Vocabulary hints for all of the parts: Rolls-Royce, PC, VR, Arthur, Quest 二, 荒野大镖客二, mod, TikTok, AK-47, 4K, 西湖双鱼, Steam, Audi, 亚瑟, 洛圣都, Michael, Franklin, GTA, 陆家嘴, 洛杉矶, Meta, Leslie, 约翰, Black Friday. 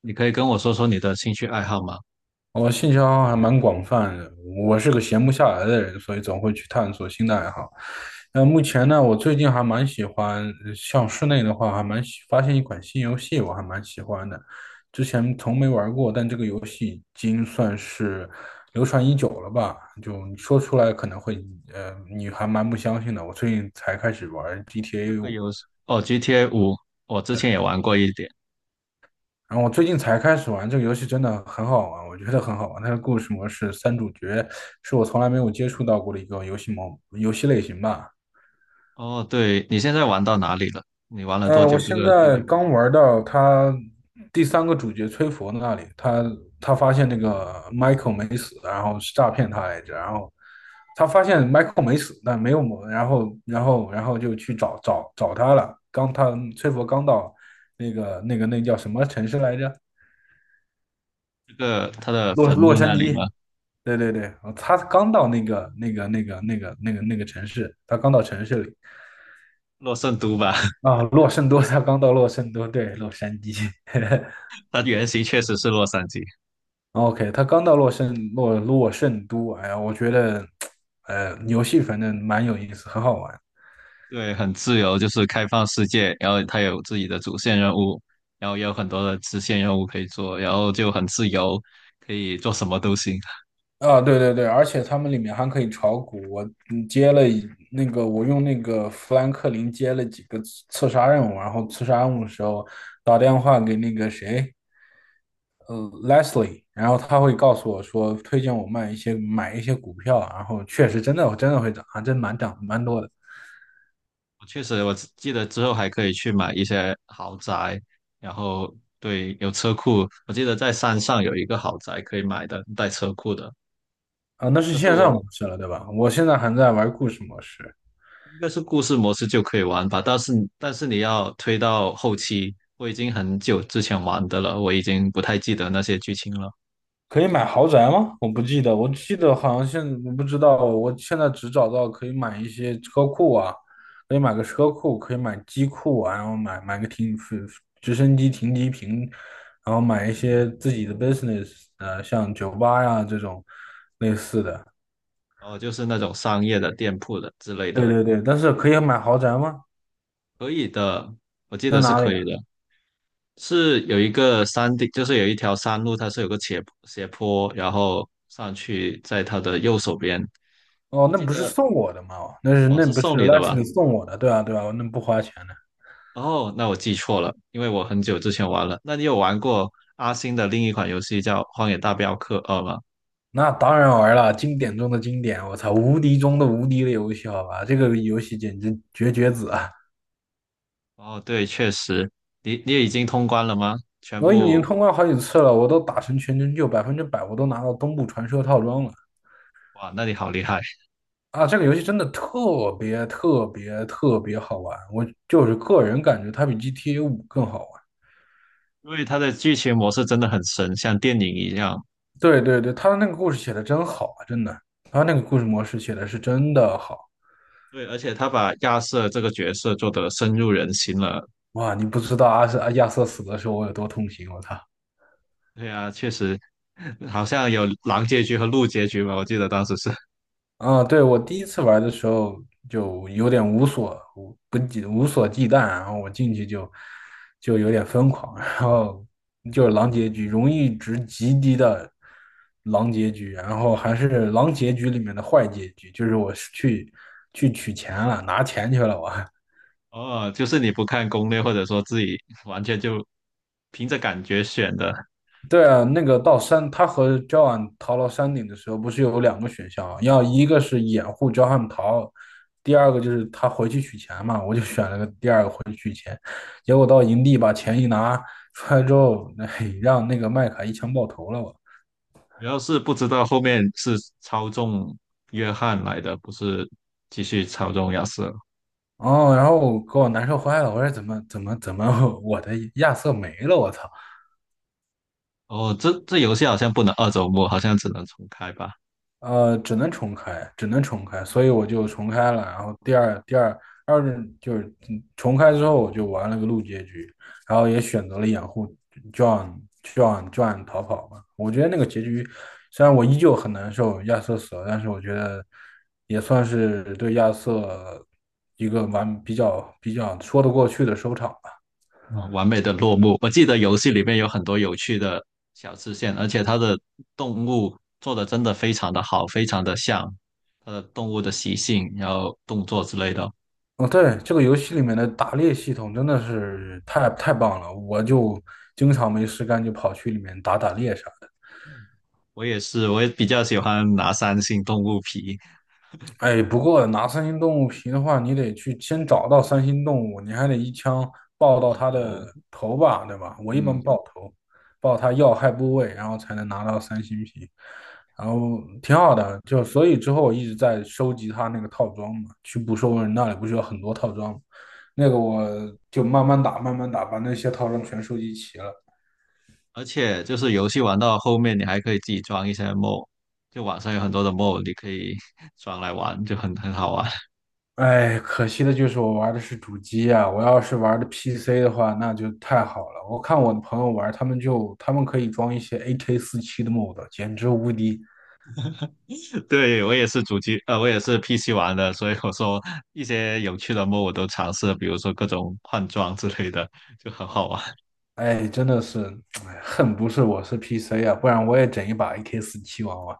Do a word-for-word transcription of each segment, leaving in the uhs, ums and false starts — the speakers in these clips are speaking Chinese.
你可以跟我说说你的兴趣爱好吗？我兴趣爱好还蛮广泛的，我是个闲不下来的人，所以总会去探索新的爱好。那目前呢，我最近还蛮喜欢，呃像室内的话，还蛮喜发现一款新游戏，我还蛮喜欢的。之前从没玩过，但这个游戏已经算是流传已久了吧？就你说出来可能会，呃，你还蛮不相信的。我最近才开始玩 这 G T A 个五。游戏哦，GTA 五，我之前也玩过一点。然后我最近才开始玩这个游戏，真的很好玩，我觉得很好玩。它的故事模式三主角是我从来没有接触到过的一个游戏模游戏类型吧。哦，对，你现在玩到哪里了？你玩了多呃，我久这现个 在 GTA 五？刚玩到他第三个主角崔佛那里，他他发现那个 Michael 没死，然后是诈骗他来着，然后他发现 Michael 没死，但没有谋，然后然后然后就去找找找他了。刚他崔佛刚到那个那个那叫什么城市来着？这个它的洛坟洛墓杉那里矶。吗？对对对，他刚到那个那个那个那个那个那个城市，他刚到城市里洛圣都吧，啊，洛圣多，他刚到洛圣多，对，洛杉矶。 它原型确实是洛杉矶。，OK，他刚到洛圣洛洛圣都，哎呀，我觉得，呃，游戏反正蛮有意思，很好玩对，很自由，就是开放世界，然后它有自己的主线任务，然后也有很多的支线任务可以做，然后就很自由，可以做什么都行。啊。对对对，而且他们里面还可以炒股，我嗯接了一那个，我用那个富兰克林接了几个刺刺杀任务，然后刺杀任务的时候打电话给那个谁。呃 Leslie，然后他会告诉我说，推荐我卖一些买一些股票啊，然后确实真的真的会涨啊，还真蛮涨蛮多的确实，我只记得之后还可以去买一些豪宅，然后对，有车库。我记得在山上有一个豪宅可以买的，带车库的。啊。那是但是线上模我式了，对吧？我现在还在玩故事模式，应该是故事模式就可以玩吧，但是但是你要推到后期，我已经很久之前玩的了，我已经不太记得那些剧情了。可以买豪宅吗？我不记得，我记得好像现我不知道，我现在只找到可以买一些车库啊，可以买个车库，可以买机库啊，然后买买个停直升机停机坪，然后买一些自己的 business，呃，像酒吧呀这种类似的。哦，就是那种商业的店铺的之类对的，对对，但是可以买豪宅吗？可以的，我记得那是哪可里以啊？的。是有一个山顶，就是有一条山路，它是有个斜斜坡，然后上去，在它的右手边。哦，我那记不是得送我的吗？哦，那是哦，那是不送是 你 l 的 e 吧？s l 送我的，对啊对啊，那不花钱的。哦，那我记错了，因为我很久之前玩了。那你有玩过阿星的另一款游戏叫《荒野大镖客二》吗？那当然玩了，经典中的经典，我操，无敌中的无敌的游戏，好吧，这个游戏简直绝绝子啊！哦，对，确实，你你也已经通关了吗？全我已经部，通关好几次了，我都打成全成就，百分之百我都拿到东部传说套装了哇，那你好厉害！啊！这个游戏真的特别特别特别好玩，我就是个人感觉它比 G T A 五更好玩。因为它的剧情模式真的很神，像电影一样。对对对，他的那个故事写的真好啊，真的，他那个故事模式写的是真的好。对，而且他把亚瑟这个角色做得深入人心了，哇！你不知道阿瑟亚瑟死的时候我有多痛心，我操！对啊，确实，好像有狼结局和鹿结局吧？我记得当时是，啊，对，我第一次玩的时候就有点无所无不忌无所忌惮，然后我进去就就有点疯狂，然后就是狼结局，荣誉值极低的狼结局，然后还是狼结局里面的坏结局，就是我是去去取钱了，拿钱去了我。哦，就是你不看攻略，或者说自己完全就凭着感觉选的，对啊，那个到山，他和 Joan 逃到山顶的时候，不是有两个选项啊，要一个是掩护 Joan 逃，第二个就是他回去取钱嘛。我就选了个第二个回去取钱，结果到营地把钱一拿出来之后，嘿，让那个麦卡一枪爆头了我。主要是不知道后面是操纵约翰来的，不是继续操纵亚瑟。哦，然后我给我难受坏了，我说怎么怎么怎么 我的亚瑟没了，我操！哦，这这游戏好像不能二周末，好像只能重开吧。呃，只能重开，只能重开，所以我就重开了。然后第二第二二任就是嗯重开之后，我就玩了个路结局，然后也选择了掩护 John John John 逃跑嘛。我觉得那个结局虽然我依旧很难受亚瑟死了，但是我觉得也算是对亚瑟一个完比较比较说得过去的收场。吧。啊，完美的落幕。我记得游戏里面有很多有趣的小支线，而且它的动物做的真的非常的好，非常的像它的动物的习性，然后动作之类的。哦，对，这个游戏里面的打猎系统真的是太太棒了，我就经常没事干就跑去里面打打猎啥的。我也是，我也比较喜欢拿三星动物皮。哎，不过拿三星动物皮的话，你得去先找到三星动物，你还得一枪爆到然它的后，头吧，对吧？我一般嗯，爆头，爆它要害部位，然后才能拿到三星皮，然后挺好的。就所以之后我一直在收集它那个套装嘛，去捕兽人那里不是有很多套装吗，那个我就慢慢打，慢慢打，把那些套装全收集齐了。而且就是游戏玩到后面，你还可以自己装一些 mod，就网上有很多的 mod，你可以 装来玩，就很很好玩。哎，可惜的就是我玩的是主机啊，我要是玩的 P C 的话，那就太好了。我看我的朋友玩，他们就他们可以装一些 a k 四七的 mod，简直无敌。对，我也是主机，呃，我也是 P C 玩的，所以我说一些有趣的 m o 我都尝试了比如说各种换装之类的，就很好玩。哎，真的是，哎，恨不是我是 P C 啊，不然我也整一把 a k 四七玩玩。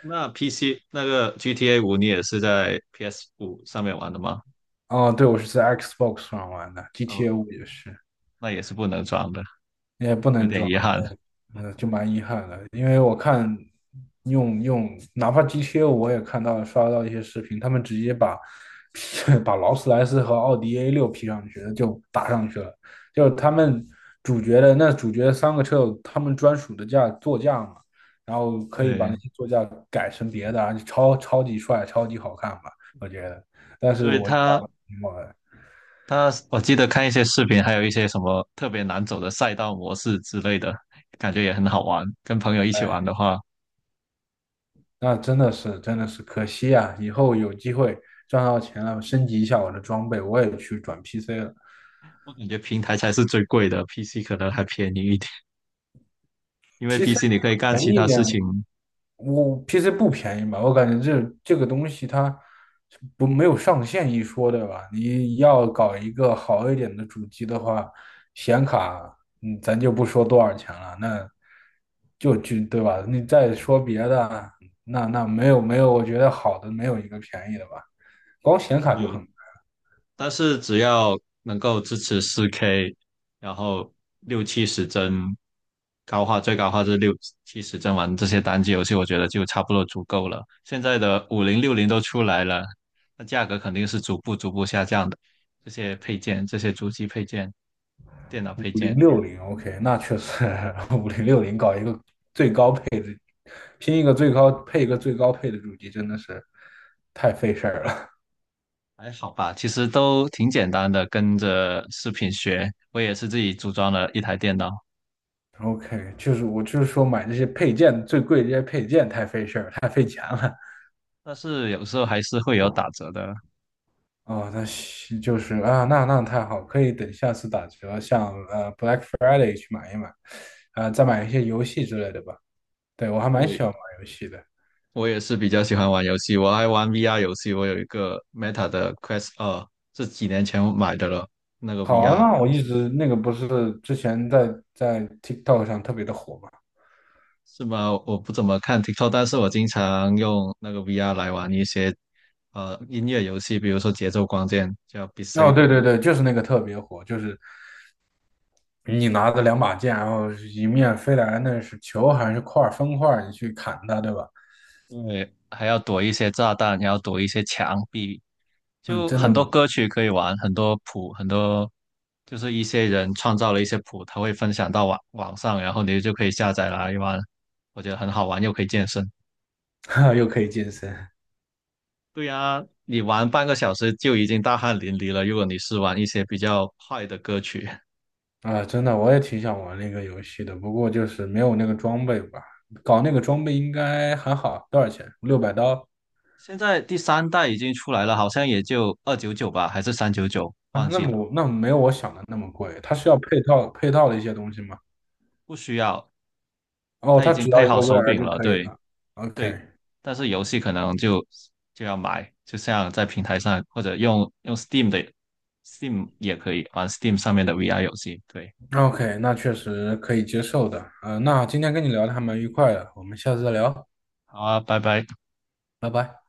那 P C 那个 GTA 五，你也是在 P S 五上面玩的吗？哦，对，我是在 Xbox 上玩的哦，，G T A 五也是，那也是不能装的，也不有能点装。遗憾。呃，就蛮遗憾的，因为我看用用，哪怕 g t O 我也看到刷到一些视频，他们直接把 把劳斯莱斯和奥迪 a 六 P 上去了，就打上去了，就是他们主角的那主角三个车有他们专属的驾座驾嘛，然后可以把那对，些座驾改成别的啊，超超级帅，超级好看吧，我觉得，但因是为我就打他不赢我。它，我记得看一些视频，还有一些什么特别难走的赛道模式之类的，感觉也很好玩。跟朋友一起玩哎，的话，那真的是真的是可惜啊！以后有机会赚到钱了，升级一下我的装备，我也去转 P C 了。我感觉平台才是最贵的，P C 可能还便宜一点。因为 P C P C 你可以干便其宜一他事点，情，我 P C 不便宜吧？我感觉这这个东西它不，没有上限一说，对吧？你要搞一个好一点的主机的话，显卡，嗯，咱就不说多少钱了，那就就对吧？你再说别的，那那没有，没有，我觉得好的没有一个便宜的吧，光显卡就很对，但是只要能够支持 四 K，然后六七十帧高画，最高画质六七十帧玩这些单机游戏，我觉得就差不多足够了。现在的五零六零都出来了，那价格肯定是逐步逐步下降的。这些配件，这些主机配件、电脑配五零件六零。OK，那确实 五零六零搞一个最高配，拼一个最高配一个最高配的主机真的是太费事儿了。还好吧，其实都挺简单的，跟着视频学，我也是自己组装了一台电脑。OK，就是我就是说买这些配件最贵，这些配件太费事儿，太费钱了。但是有时候还是会有打折的。哦，那行就是啊，那那太好，可以等下次打折，像呃 Black Friday 去买一买，啊，再买一些游戏之类的吧。对，我还蛮喜欢对，玩游戏的，我也是比较喜欢玩游戏，我爱玩 V R 游戏。我有一个 Meta 的 Quest 二，是几年前我买的了，那个 好玩 V R 吗？我游一戏直那个不是之前在在 TikTok 上特别的火嘛。是吗？我不怎么看 TikTok，但是我经常用那个 V R 来玩一些呃音乐游戏，比如说节奏光剑叫 Beat 哦，对 Saber。对对，就是那个特别火，就是你拿着两把剑，然后一面飞来，那是球还是块儿方块儿，你去砍它，对吧？因为还要躲一些炸弹，还要躲一些墙壁，嗯，就真很多的，歌曲可以玩，很多谱，很多就是一些人创造了一些谱，他会分享到网网上，然后你就可以下载来玩，我觉得很好玩，又可以健身。哈，又可以健身对呀，你玩半个小时就已经大汗淋漓了。如果你是玩一些比较快的歌曲，啊，真的，我也挺想玩那个游戏的，不过就是没有那个装备吧。搞那个装备应该还好，多少钱？六百刀现在第三代已经出来了，好像也就二九九吧，还是三九九，啊？忘那记了，我那没有我想的那么贵，它是要配套配套的一些东西吗？不需要，哦，它已它经只要配一好个 手 V R 柄就了，可以对。了。对，OK。但是游戏可能就就要买，就像在平台上或者用用 Steam 的 Steam 也可以玩 Steam 上面的 V R 游戏。对，OK，那确实可以接受的。呃，那今天跟你聊的还蛮愉快的，我们下次再聊，好啊，拜拜。拜拜。